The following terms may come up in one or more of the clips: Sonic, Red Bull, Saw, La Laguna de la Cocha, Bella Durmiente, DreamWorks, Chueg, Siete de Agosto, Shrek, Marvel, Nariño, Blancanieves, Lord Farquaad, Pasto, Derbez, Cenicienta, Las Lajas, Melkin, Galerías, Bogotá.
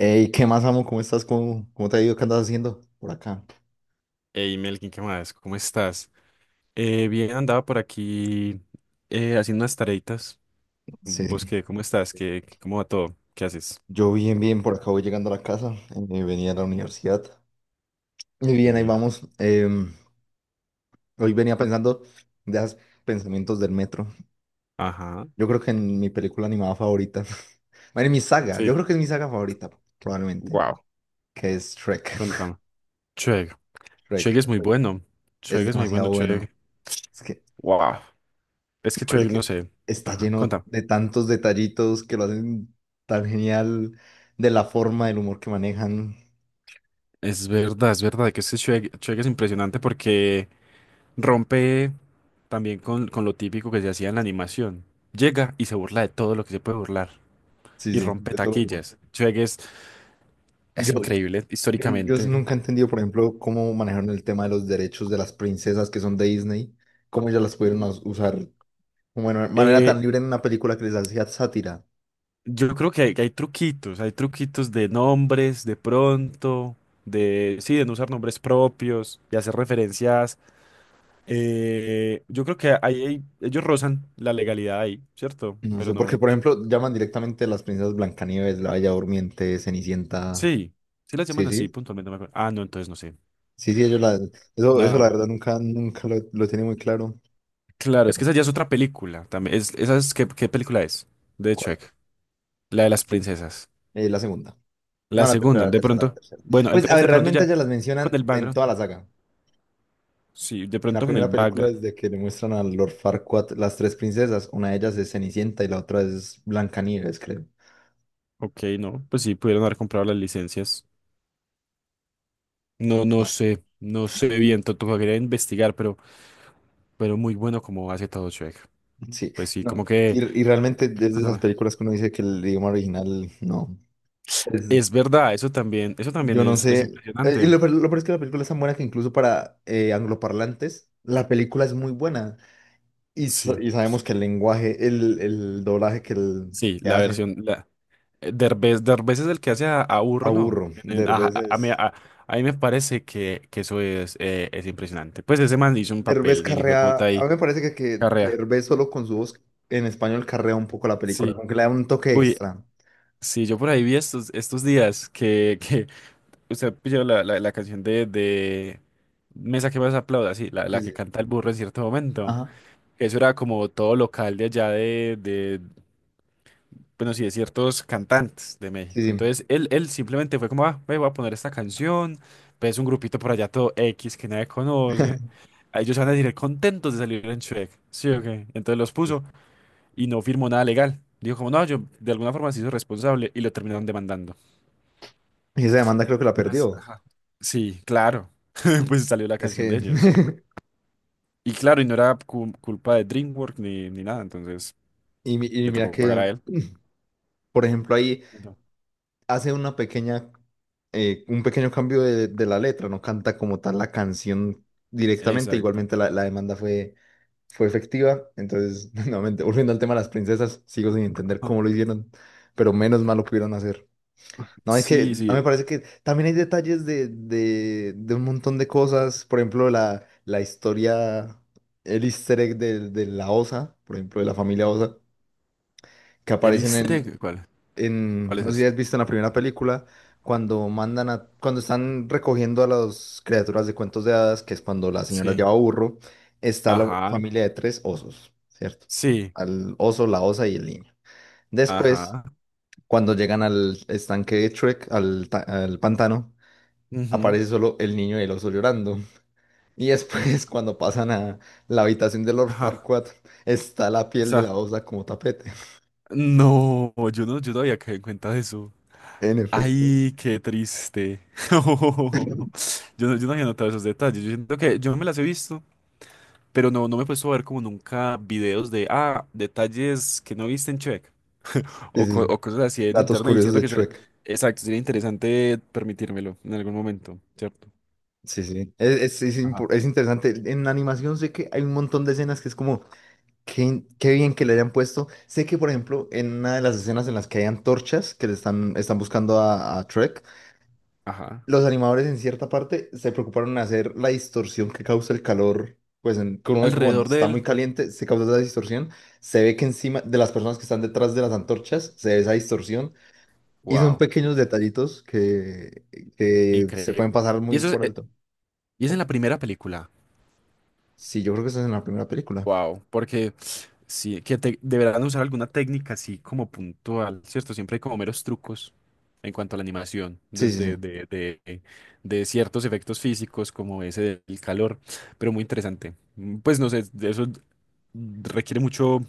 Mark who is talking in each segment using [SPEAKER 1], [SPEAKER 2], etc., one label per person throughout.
[SPEAKER 1] Ey, ¿qué más, amo? ¿Cómo estás? ¿Cómo te ha ido? ¿Qué andas haciendo por acá?
[SPEAKER 2] Hey Melkin, ¿qué más? ¿Cómo estás? Bien, andaba por aquí haciendo unas tareitas.
[SPEAKER 1] Sí, sí.
[SPEAKER 2] ¿Vos qué? ¿Cómo estás? ¿ cómo va todo? ¿Qué haces?
[SPEAKER 1] Yo bien, bien, por acá voy llegando a la casa. Venía a la universidad. Y
[SPEAKER 2] Qué
[SPEAKER 1] bien, ahí
[SPEAKER 2] bien.
[SPEAKER 1] vamos. Hoy venía pensando de esos pensamientos del metro.
[SPEAKER 2] Ajá.
[SPEAKER 1] Yo creo que en mi película animada favorita. Bueno, en mi saga. Yo
[SPEAKER 2] Sí.
[SPEAKER 1] creo que es mi saga favorita, probablemente.
[SPEAKER 2] Wow.
[SPEAKER 1] Que es Shrek.
[SPEAKER 2] Contame. Chueg. Chueg
[SPEAKER 1] Shrek.
[SPEAKER 2] es muy
[SPEAKER 1] Shrek.
[SPEAKER 2] bueno.
[SPEAKER 1] Es
[SPEAKER 2] Chueg es muy bueno,
[SPEAKER 1] demasiado
[SPEAKER 2] Chueg.
[SPEAKER 1] bueno. Es que
[SPEAKER 2] Wow. Es
[SPEAKER 1] me
[SPEAKER 2] que
[SPEAKER 1] parece
[SPEAKER 2] Chueg,
[SPEAKER 1] que
[SPEAKER 2] no sé.
[SPEAKER 1] está
[SPEAKER 2] Ajá.
[SPEAKER 1] lleno
[SPEAKER 2] Contame.
[SPEAKER 1] de tantos detallitos que lo hacen tan genial. De la forma, del humor que manejan.
[SPEAKER 2] Es verdad que este Chueg, Chueg es impresionante porque rompe también con lo típico que se hacía en la animación. Llega y se burla de todo lo que se puede burlar
[SPEAKER 1] Sí,
[SPEAKER 2] y
[SPEAKER 1] sí,
[SPEAKER 2] rompe
[SPEAKER 1] de todo tipo.
[SPEAKER 2] taquillas. Chueg es
[SPEAKER 1] Yo,
[SPEAKER 2] increíble
[SPEAKER 1] yo
[SPEAKER 2] históricamente.
[SPEAKER 1] nunca he entendido, por ejemplo, cómo manejaron el tema de los derechos de las princesas que son de Disney, cómo ellas las pudieron
[SPEAKER 2] Ujú.
[SPEAKER 1] usar como de manera
[SPEAKER 2] Eh,
[SPEAKER 1] tan libre en una película que les hacía sátira.
[SPEAKER 2] yo creo que que hay truquitos de nombres, de pronto, de, sí, de no usar nombres propios, de hacer referencias. Yo creo que ahí ellos rozan la legalidad ahí, ¿cierto?
[SPEAKER 1] No
[SPEAKER 2] Pero
[SPEAKER 1] sé, porque,
[SPEAKER 2] no,
[SPEAKER 1] por ejemplo, llaman directamente a las princesas Blancanieves, la Bella Durmiente, Cenicienta.
[SPEAKER 2] sí, sí las
[SPEAKER 1] Sí,
[SPEAKER 2] llaman así
[SPEAKER 1] sí,
[SPEAKER 2] puntualmente, no me acuerdo. Ah, no, entonces no sé.
[SPEAKER 1] sí, sí, ellos la, eso la
[SPEAKER 2] Ah,
[SPEAKER 1] verdad nunca, nunca lo, lo tiene muy claro.
[SPEAKER 2] claro, es que
[SPEAKER 1] Pero,
[SPEAKER 2] esa ya es otra película también. ¿Qué, qué película es? De
[SPEAKER 1] ¿cuál?
[SPEAKER 2] Shrek, la de las princesas.
[SPEAKER 1] La segunda.
[SPEAKER 2] La
[SPEAKER 1] No, la tercera,
[SPEAKER 2] segunda,
[SPEAKER 1] la
[SPEAKER 2] de
[SPEAKER 1] tercera, la
[SPEAKER 2] pronto.
[SPEAKER 1] tercera.
[SPEAKER 2] Bueno,
[SPEAKER 1] Pues, a
[SPEAKER 2] entonces
[SPEAKER 1] ver,
[SPEAKER 2] de pronto
[SPEAKER 1] realmente
[SPEAKER 2] ya
[SPEAKER 1] ellas las
[SPEAKER 2] con
[SPEAKER 1] mencionan
[SPEAKER 2] el
[SPEAKER 1] en
[SPEAKER 2] background.
[SPEAKER 1] toda la saga.
[SPEAKER 2] Sí, de
[SPEAKER 1] En la
[SPEAKER 2] pronto con el
[SPEAKER 1] primera película
[SPEAKER 2] background,
[SPEAKER 1] es de que le muestran a Lord Farquaad las tres princesas. Una de ellas es Cenicienta y la otra es Blancanieves, creo.
[SPEAKER 2] ok, no, pues sí, pudieron haber comprado las licencias. No, no
[SPEAKER 1] Ah,
[SPEAKER 2] sé, no sé
[SPEAKER 1] no.
[SPEAKER 2] bien, tocaría investigar, pero muy bueno como hace todo Shrek.
[SPEAKER 1] Sí,
[SPEAKER 2] Pues sí, como
[SPEAKER 1] no.
[SPEAKER 2] que,
[SPEAKER 1] Y realmente desde esas
[SPEAKER 2] cuéntame.
[SPEAKER 1] películas que uno dice que el idioma original no. Es,
[SPEAKER 2] Es verdad, eso también
[SPEAKER 1] yo no
[SPEAKER 2] es
[SPEAKER 1] sé. Y
[SPEAKER 2] impresionante.
[SPEAKER 1] lo, lo peor es que la película es tan buena que incluso para angloparlantes la película es muy buena. Y,
[SPEAKER 2] Sí,
[SPEAKER 1] y sabemos que el lenguaje, el doblaje que,
[SPEAKER 2] sí,
[SPEAKER 1] que
[SPEAKER 2] la
[SPEAKER 1] hacen,
[SPEAKER 2] versión, la, Derbez, Derbez es el que hace a Burro, ¿no?
[SPEAKER 1] aburro. Derbez es.
[SPEAKER 2] A mí me parece que eso es impresionante. Pues ese man hizo un
[SPEAKER 1] Derbez
[SPEAKER 2] papel, ni el hijo de
[SPEAKER 1] carrea,
[SPEAKER 2] puta
[SPEAKER 1] a
[SPEAKER 2] ahí,
[SPEAKER 1] mí me parece que
[SPEAKER 2] carrea.
[SPEAKER 1] Derbez solo con su voz en español carrea un poco la película,
[SPEAKER 2] Sí.
[SPEAKER 1] aunque le da un toque
[SPEAKER 2] Uy,
[SPEAKER 1] extra.
[SPEAKER 2] sí, yo por ahí vi estos, estos días que usted pilló la, la, la canción de Mesa que más aplauda, sí, la,
[SPEAKER 1] Sí,
[SPEAKER 2] la que
[SPEAKER 1] sí.
[SPEAKER 2] canta el burro en cierto momento.
[SPEAKER 1] Ajá,
[SPEAKER 2] Eso era como todo local de allá de bueno, sí, de ciertos cantantes de
[SPEAKER 1] sí,
[SPEAKER 2] México.
[SPEAKER 1] sí.
[SPEAKER 2] Entonces él simplemente fue como, ah, ve, voy a poner esta canción, pues un grupito por allá todo X que nadie conoce. A ellos van a decir contentos de salir en Shrek, sí o qué. Entonces los puso y no firmó nada legal. Dijo como, no, yo de alguna forma se hizo responsable y lo terminaron demandando.
[SPEAKER 1] Y esa demanda creo que la
[SPEAKER 2] Pues,
[SPEAKER 1] perdió.
[SPEAKER 2] ajá. Sí, claro. Pues salió la
[SPEAKER 1] Es
[SPEAKER 2] canción
[SPEAKER 1] que,
[SPEAKER 2] de ellos. Y claro, y no era culpa de DreamWorks ni nada, entonces
[SPEAKER 1] y, y
[SPEAKER 2] le
[SPEAKER 1] mira
[SPEAKER 2] tocó pagar
[SPEAKER 1] que,
[SPEAKER 2] a él.
[SPEAKER 1] por ejemplo, ahí
[SPEAKER 2] Ujú.
[SPEAKER 1] hace una pequeña, un pequeño cambio de la letra, no canta como tal la canción directamente,
[SPEAKER 2] Exacto.
[SPEAKER 1] igualmente la, la demanda fue, fue efectiva. Entonces, nuevamente, volviendo al tema de las princesas, sigo sin entender
[SPEAKER 2] Ajá.
[SPEAKER 1] cómo lo hicieron, pero menos mal lo pudieron hacer. No, es que
[SPEAKER 2] Sí,
[SPEAKER 1] a mí me
[SPEAKER 2] sí.
[SPEAKER 1] parece que también hay detalles de un montón de cosas. Por ejemplo, la historia, el easter egg de la Osa, por ejemplo, de la familia Osa, que
[SPEAKER 2] ¿El
[SPEAKER 1] aparecen
[SPEAKER 2] easter egg? ¿Cuál?
[SPEAKER 1] en,
[SPEAKER 2] ¿Cuál es
[SPEAKER 1] no sé si
[SPEAKER 2] ese?
[SPEAKER 1] has visto en la primera película, cuando mandan a, cuando están recogiendo a las criaturas de cuentos de hadas, que es cuando la señora
[SPEAKER 2] Sí.
[SPEAKER 1] lleva burro, está la
[SPEAKER 2] Ajá.
[SPEAKER 1] familia de tres osos, ¿cierto?
[SPEAKER 2] Sí.
[SPEAKER 1] Al oso, la osa y el niño. Después,
[SPEAKER 2] Ajá.
[SPEAKER 1] cuando llegan al estanque de Shrek, al, al pantano,
[SPEAKER 2] Ujú.
[SPEAKER 1] aparece solo el niño y el oso llorando. Y después, cuando pasan a la habitación de Lord
[SPEAKER 2] Ajá.
[SPEAKER 1] Farquaad, está la
[SPEAKER 2] O
[SPEAKER 1] piel de la
[SPEAKER 2] sea,
[SPEAKER 1] osa como tapete.
[SPEAKER 2] no, yo no había caído en cuenta de eso.
[SPEAKER 1] En efecto.
[SPEAKER 2] Ay, qué triste. Yo no había notado esos detalles. Yo siento que yo me las he visto. Pero no, no me he puesto a ver como nunca videos de, ah, detalles que no viste en Check
[SPEAKER 1] Sí,
[SPEAKER 2] o,
[SPEAKER 1] sí.
[SPEAKER 2] o cosas así en
[SPEAKER 1] Datos
[SPEAKER 2] internet. Y
[SPEAKER 1] curiosos
[SPEAKER 2] siento
[SPEAKER 1] de
[SPEAKER 2] que sería,
[SPEAKER 1] Shrek.
[SPEAKER 2] exacto, sería interesante permitírmelo en algún momento, ¿cierto?
[SPEAKER 1] Sí, sí. Es,
[SPEAKER 2] Ajá.
[SPEAKER 1] es interesante. En la animación sé que hay un montón de escenas que es como, qué, qué bien que le hayan puesto. Sé que, por ejemplo, en una de las escenas en las que hay antorchas que le están, están buscando a Shrek,
[SPEAKER 2] Ajá.
[SPEAKER 1] los animadores en cierta parte se preocuparon en hacer la distorsión que causa el calor, pues en, que uno ve que cuando
[SPEAKER 2] Alrededor de
[SPEAKER 1] está muy
[SPEAKER 2] él.
[SPEAKER 1] caliente se causa esa distorsión, se ve que encima de las personas que están detrás de las antorchas se ve esa distorsión y son
[SPEAKER 2] Wow,
[SPEAKER 1] pequeños detallitos que se
[SPEAKER 2] increíble.
[SPEAKER 1] pueden pasar
[SPEAKER 2] Y
[SPEAKER 1] muy
[SPEAKER 2] eso es,
[SPEAKER 1] por alto.
[SPEAKER 2] y es en la primera película.
[SPEAKER 1] Sí, yo creo que esa es en la primera película.
[SPEAKER 2] Wow, porque sí, que deberán usar alguna técnica así como puntual, ¿cierto? Siempre hay como meros trucos en cuanto a la animación,
[SPEAKER 1] Sí, sí, sí.
[SPEAKER 2] de ciertos efectos físicos como ese del calor, pero muy interesante. Pues no sé, de eso requiere mucho,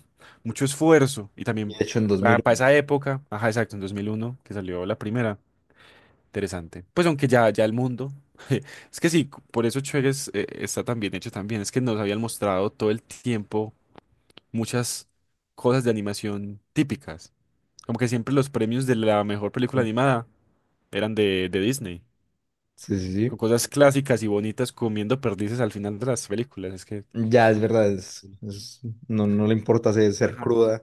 [SPEAKER 2] mucho esfuerzo y
[SPEAKER 1] Y de
[SPEAKER 2] también
[SPEAKER 1] hecho, en
[SPEAKER 2] para
[SPEAKER 1] 2001.
[SPEAKER 2] esa época, ajá, exacto, en 2001 que salió la primera, interesante. Pues aunque ya, ya el mundo... Es que sí, por eso Chuegues está tan bien hecho también. Es que nos habían mostrado todo el tiempo muchas cosas de animación típicas. Como que siempre los premios de la mejor película
[SPEAKER 1] Sí,
[SPEAKER 2] animada eran de Disney,
[SPEAKER 1] sí, sí.
[SPEAKER 2] con
[SPEAKER 1] Sí.
[SPEAKER 2] cosas clásicas y bonitas comiendo perdices al final de las películas. Es que...
[SPEAKER 1] Ya es verdad, es, no, no le importa ser, ser
[SPEAKER 2] Ajá,
[SPEAKER 1] cruda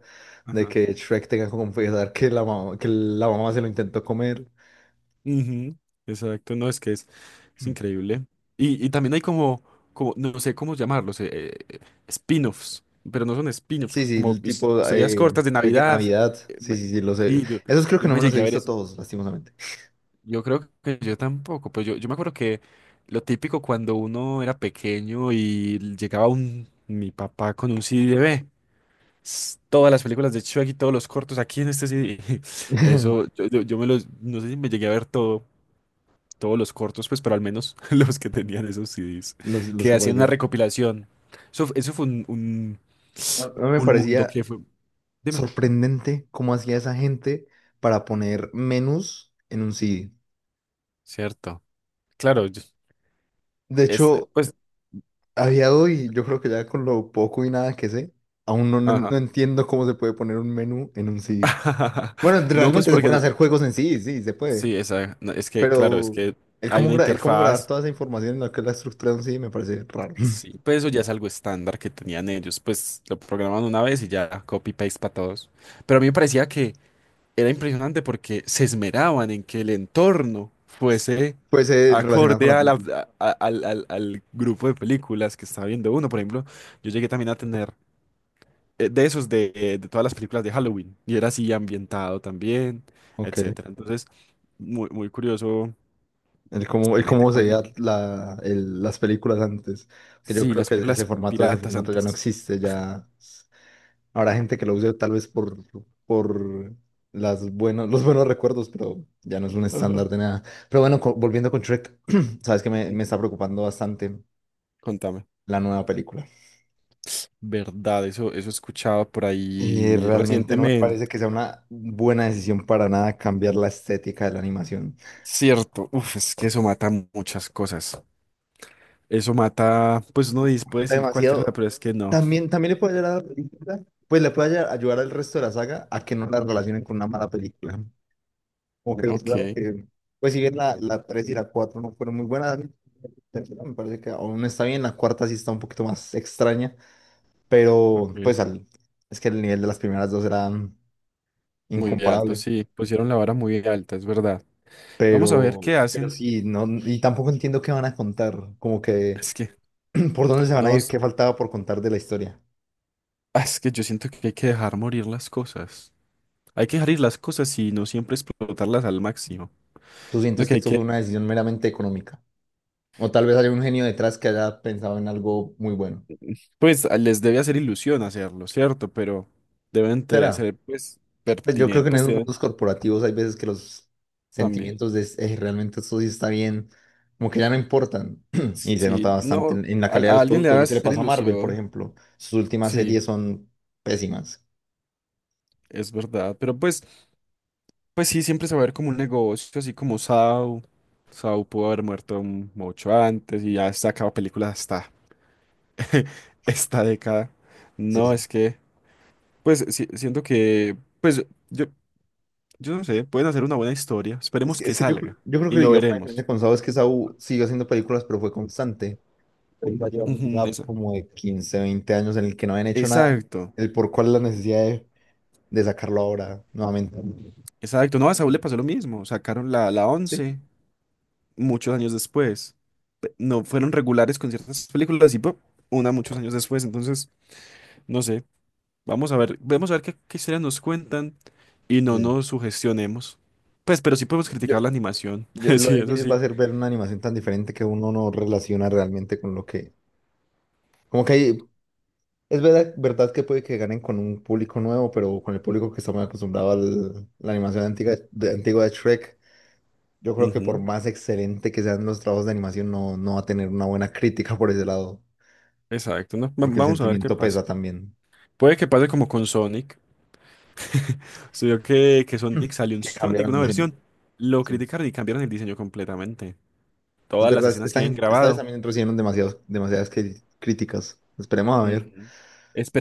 [SPEAKER 1] de
[SPEAKER 2] ajá.
[SPEAKER 1] que Shrek tenga que confesar que la mamá se lo intentó comer.
[SPEAKER 2] Ujú, exacto, no, es que es increíble. Y también hay como, como, no sé cómo llamarlos, eh, spin-offs, pero no son spin-offs,
[SPEAKER 1] Sí, sí,
[SPEAKER 2] como
[SPEAKER 1] el tipo
[SPEAKER 2] historias cortas de
[SPEAKER 1] Shrek en
[SPEAKER 2] Navidad.
[SPEAKER 1] Navidad.
[SPEAKER 2] Eh,
[SPEAKER 1] Sí,
[SPEAKER 2] me-
[SPEAKER 1] sí, sí, los he...
[SPEAKER 2] sí, yo,
[SPEAKER 1] Esos creo que
[SPEAKER 2] yo
[SPEAKER 1] no
[SPEAKER 2] me
[SPEAKER 1] me los he
[SPEAKER 2] llegué a ver
[SPEAKER 1] visto
[SPEAKER 2] eso.
[SPEAKER 1] todos, lastimosamente.
[SPEAKER 2] Yo creo que yo tampoco, pues yo me acuerdo que lo típico cuando uno era pequeño y llegaba un, mi papá con un CD de "Ve, todas las películas de Shrek y todos los cortos aquí en este CD". Eso, yo me los, no sé si me llegué a ver todo, todos los cortos, pues, pero al menos los que tenían esos CDs,
[SPEAKER 1] Los
[SPEAKER 2] que
[SPEAKER 1] que
[SPEAKER 2] hacían una
[SPEAKER 1] aparecían.
[SPEAKER 2] recopilación. Eso, eso fue
[SPEAKER 1] A mí me
[SPEAKER 2] un mundo
[SPEAKER 1] parecía
[SPEAKER 2] que fue, dime,
[SPEAKER 1] sorprendente cómo hacía esa gente para poner menús en un CD.
[SPEAKER 2] ¿cierto? Claro,
[SPEAKER 1] De
[SPEAKER 2] este,
[SPEAKER 1] hecho,
[SPEAKER 2] pues,
[SPEAKER 1] había hoy, yo creo que ya con lo poco y nada que sé, aún no,
[SPEAKER 2] ajá.
[SPEAKER 1] no entiendo cómo se puede poner un menú en un CD. Bueno,
[SPEAKER 2] No, pues
[SPEAKER 1] realmente se
[SPEAKER 2] porque
[SPEAKER 1] pueden
[SPEAKER 2] no,
[SPEAKER 1] hacer juegos en sí, sí, se puede.
[SPEAKER 2] sí, esa, no, es que, claro, es
[SPEAKER 1] Pero
[SPEAKER 2] que
[SPEAKER 1] el
[SPEAKER 2] hay
[SPEAKER 1] cómo,
[SPEAKER 2] una
[SPEAKER 1] el cómo grabar
[SPEAKER 2] interfaz,
[SPEAKER 1] toda esa información en la que es la estructura de un CD me parece raro.
[SPEAKER 2] sí, pues eso ya es algo estándar que tenían ellos, pues lo programan una vez y ya copy-paste para todos. Pero a mí me parecía que era impresionante porque se esmeraban en que el entorno fuese
[SPEAKER 1] Pues relacionado con
[SPEAKER 2] acorde
[SPEAKER 1] la
[SPEAKER 2] a
[SPEAKER 1] película.
[SPEAKER 2] al grupo de películas que estaba viendo uno. Por ejemplo, yo llegué también a tener de esos de todas las películas de Halloween y era así ambientado también,
[SPEAKER 1] Ok.
[SPEAKER 2] etcétera. Entonces, muy, muy curioso.
[SPEAKER 1] El
[SPEAKER 2] La gente
[SPEAKER 1] cómo se
[SPEAKER 2] como es
[SPEAKER 1] veía la, las películas antes. Que yo
[SPEAKER 2] sí,
[SPEAKER 1] creo
[SPEAKER 2] las
[SPEAKER 1] que
[SPEAKER 2] películas
[SPEAKER 1] ese
[SPEAKER 2] piratas
[SPEAKER 1] formato ya no
[SPEAKER 2] antes.
[SPEAKER 1] existe. Ya habrá gente que lo use tal vez por las buenos, los buenos recuerdos, pero ya no es un estándar
[SPEAKER 2] Ajá.
[SPEAKER 1] de nada. Pero bueno, volviendo con Shrek, sabes que me
[SPEAKER 2] Ujú.
[SPEAKER 1] está preocupando bastante
[SPEAKER 2] Contame.
[SPEAKER 1] la nueva película.
[SPEAKER 2] Verdad, eso escuchaba por ahí
[SPEAKER 1] Realmente no me
[SPEAKER 2] recientemente.
[SPEAKER 1] parece que sea una buena decisión para nada cambiar la estética de la animación.
[SPEAKER 2] Cierto, uf, es que eso mata muchas cosas. Eso mata, pues uno dice- puede decir cualquier cosa,
[SPEAKER 1] Demasiado.
[SPEAKER 2] pero es que no.
[SPEAKER 1] También, también le puede ayudar a la película, pues le puede ayudar al resto de la saga a que no la relacionen con una mala película. Como que, pues, claro
[SPEAKER 2] Ok,
[SPEAKER 1] que, pues si bien la, la 3 y la 4 no fueron muy buenas, a mí la tercera me parece que aún está bien, la cuarta sí está un poquito más extraña, pero
[SPEAKER 2] ok.
[SPEAKER 1] pues al, es que el nivel de las primeras dos era
[SPEAKER 2] Muy alto,
[SPEAKER 1] incomparable,
[SPEAKER 2] sí. Pusieron la vara muy alta, es verdad. Vamos a ver
[SPEAKER 1] pero,
[SPEAKER 2] qué
[SPEAKER 1] pero
[SPEAKER 2] hacen.
[SPEAKER 1] sí, no, y tampoco entiendo qué van a contar, como que
[SPEAKER 2] Es que,
[SPEAKER 1] por dónde se van a
[SPEAKER 2] no,
[SPEAKER 1] ir, qué faltaba por contar de la historia.
[SPEAKER 2] es que yo siento que hay que dejar morir las cosas. Hay que dejar ir las cosas y no siempre explotarlas al máximo.
[SPEAKER 1] ¿Tú
[SPEAKER 2] Lo
[SPEAKER 1] sientes
[SPEAKER 2] que
[SPEAKER 1] que
[SPEAKER 2] hay
[SPEAKER 1] esto
[SPEAKER 2] que
[SPEAKER 1] fue una decisión meramente económica? O tal vez haya un genio detrás que haya pensado en algo muy bueno.
[SPEAKER 2] pues les debe hacer ilusión hacerlo, ¿cierto? Pero deben
[SPEAKER 1] ¿Será?
[SPEAKER 2] ser pues
[SPEAKER 1] Pues yo creo
[SPEAKER 2] pertinentes,
[SPEAKER 1] que en
[SPEAKER 2] pues
[SPEAKER 1] esos
[SPEAKER 2] deben
[SPEAKER 1] mundos corporativos hay veces que los
[SPEAKER 2] también.
[SPEAKER 1] sentimientos de realmente esto sí está bien", como que ya no importan. Y se nota
[SPEAKER 2] Sí,
[SPEAKER 1] bastante
[SPEAKER 2] no,
[SPEAKER 1] en la calidad de
[SPEAKER 2] a
[SPEAKER 1] los
[SPEAKER 2] alguien le
[SPEAKER 1] productos.
[SPEAKER 2] debe
[SPEAKER 1] Lo que le
[SPEAKER 2] hacer
[SPEAKER 1] pasó a Marvel, por
[SPEAKER 2] ilusión,
[SPEAKER 1] ejemplo. Sus últimas
[SPEAKER 2] sí,
[SPEAKER 1] series son pésimas.
[SPEAKER 2] es verdad. Pero pues, pues sí, siempre se va a ver como un negocio, así como Saw. Saw pudo haber muerto mucho antes y ya está acaba películas hasta esta década.
[SPEAKER 1] Sí,
[SPEAKER 2] No,
[SPEAKER 1] sí.
[SPEAKER 2] es que, pues sí, siento que, pues yo, yo no sé, pueden hacer una buena historia. Esperemos que
[SPEAKER 1] Es que yo,
[SPEAKER 2] salga
[SPEAKER 1] yo creo
[SPEAKER 2] y
[SPEAKER 1] que
[SPEAKER 2] lo
[SPEAKER 1] digamos, la
[SPEAKER 2] veremos.
[SPEAKER 1] diferencia con Saw es que Saw siguió haciendo películas, pero fue constante. Él va a llevar un
[SPEAKER 2] Ujú,
[SPEAKER 1] gap como de 15-20 años en el que no habían hecho nada.
[SPEAKER 2] Exacto,
[SPEAKER 1] El por cuál la necesidad de sacarlo ahora nuevamente.
[SPEAKER 2] exacto. No, a Saúl le pasó lo mismo. Sacaron la, la
[SPEAKER 1] Sí.
[SPEAKER 2] once muchos años después. No fueron regulares con ciertas películas y pop, una muchos años después. Entonces, no sé. Vamos a ver qué, qué historias nos cuentan y no
[SPEAKER 1] Sí, sí.
[SPEAKER 2] nos sugestionemos. Pues, pero sí podemos
[SPEAKER 1] Yo,
[SPEAKER 2] criticar la animación.
[SPEAKER 1] Lo
[SPEAKER 2] Sí, eso
[SPEAKER 1] difícil va
[SPEAKER 2] sí.
[SPEAKER 1] a ser ver una animación tan diferente que uno no relaciona realmente con lo que... Como que es verdad, verdad que puede que ganen con un público nuevo, pero con el público que está muy acostumbrado a la animación antigua de Shrek, yo creo que por
[SPEAKER 2] Ujú,
[SPEAKER 1] más excelente que sean los trabajos de animación, no, no va a tener una buena crítica por ese lado,
[SPEAKER 2] exacto, ¿no?
[SPEAKER 1] porque el
[SPEAKER 2] Vamos a ver qué
[SPEAKER 1] sentimiento
[SPEAKER 2] pasa.
[SPEAKER 1] pesa también,
[SPEAKER 2] Puede que pase como con Sonic. Se vio que Sonic salió un
[SPEAKER 1] que
[SPEAKER 2] Sonic,
[SPEAKER 1] cambiaron el
[SPEAKER 2] una
[SPEAKER 1] diseño.
[SPEAKER 2] versión. Lo
[SPEAKER 1] Sí.
[SPEAKER 2] criticaron y cambiaron el diseño completamente.
[SPEAKER 1] Es
[SPEAKER 2] Todas las
[SPEAKER 1] verdad,
[SPEAKER 2] escenas que
[SPEAKER 1] esta
[SPEAKER 2] hayan
[SPEAKER 1] gente, esta vez
[SPEAKER 2] grabado.
[SPEAKER 1] también recibieron demasiados, críticas. Esperemos a ver.
[SPEAKER 2] Ujú.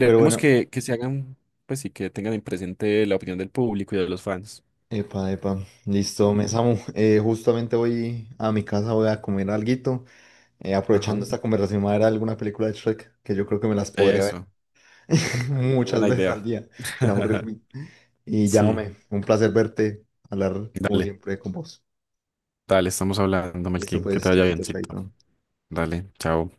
[SPEAKER 1] Pero bueno,
[SPEAKER 2] que se hagan, pues sí, que tengan en presente la opinión del público y de los fans.
[SPEAKER 1] epa, epa, listo, me
[SPEAKER 2] Ujú.
[SPEAKER 1] Samu. Justamente voy a mi casa, voy a comer alguito.
[SPEAKER 2] Ajá.
[SPEAKER 1] Aprovechando esta conversación, voy a ver alguna película de Shrek, que yo creo que me las podría ver
[SPEAKER 2] Eso. Qué
[SPEAKER 1] muchas
[SPEAKER 2] buena
[SPEAKER 1] veces
[SPEAKER 2] idea.
[SPEAKER 1] al día, sin aburrirme. Y
[SPEAKER 2] Sí.
[SPEAKER 1] llámame, un placer verte, hablar como
[SPEAKER 2] Dale,
[SPEAKER 1] siempre con vos.
[SPEAKER 2] dale, estamos hablando,
[SPEAKER 1] Listo,
[SPEAKER 2] Melkin. Que te
[SPEAKER 1] pues,
[SPEAKER 2] vaya
[SPEAKER 1] chaito,
[SPEAKER 2] biencito.
[SPEAKER 1] chaito.
[SPEAKER 2] Dale, chao.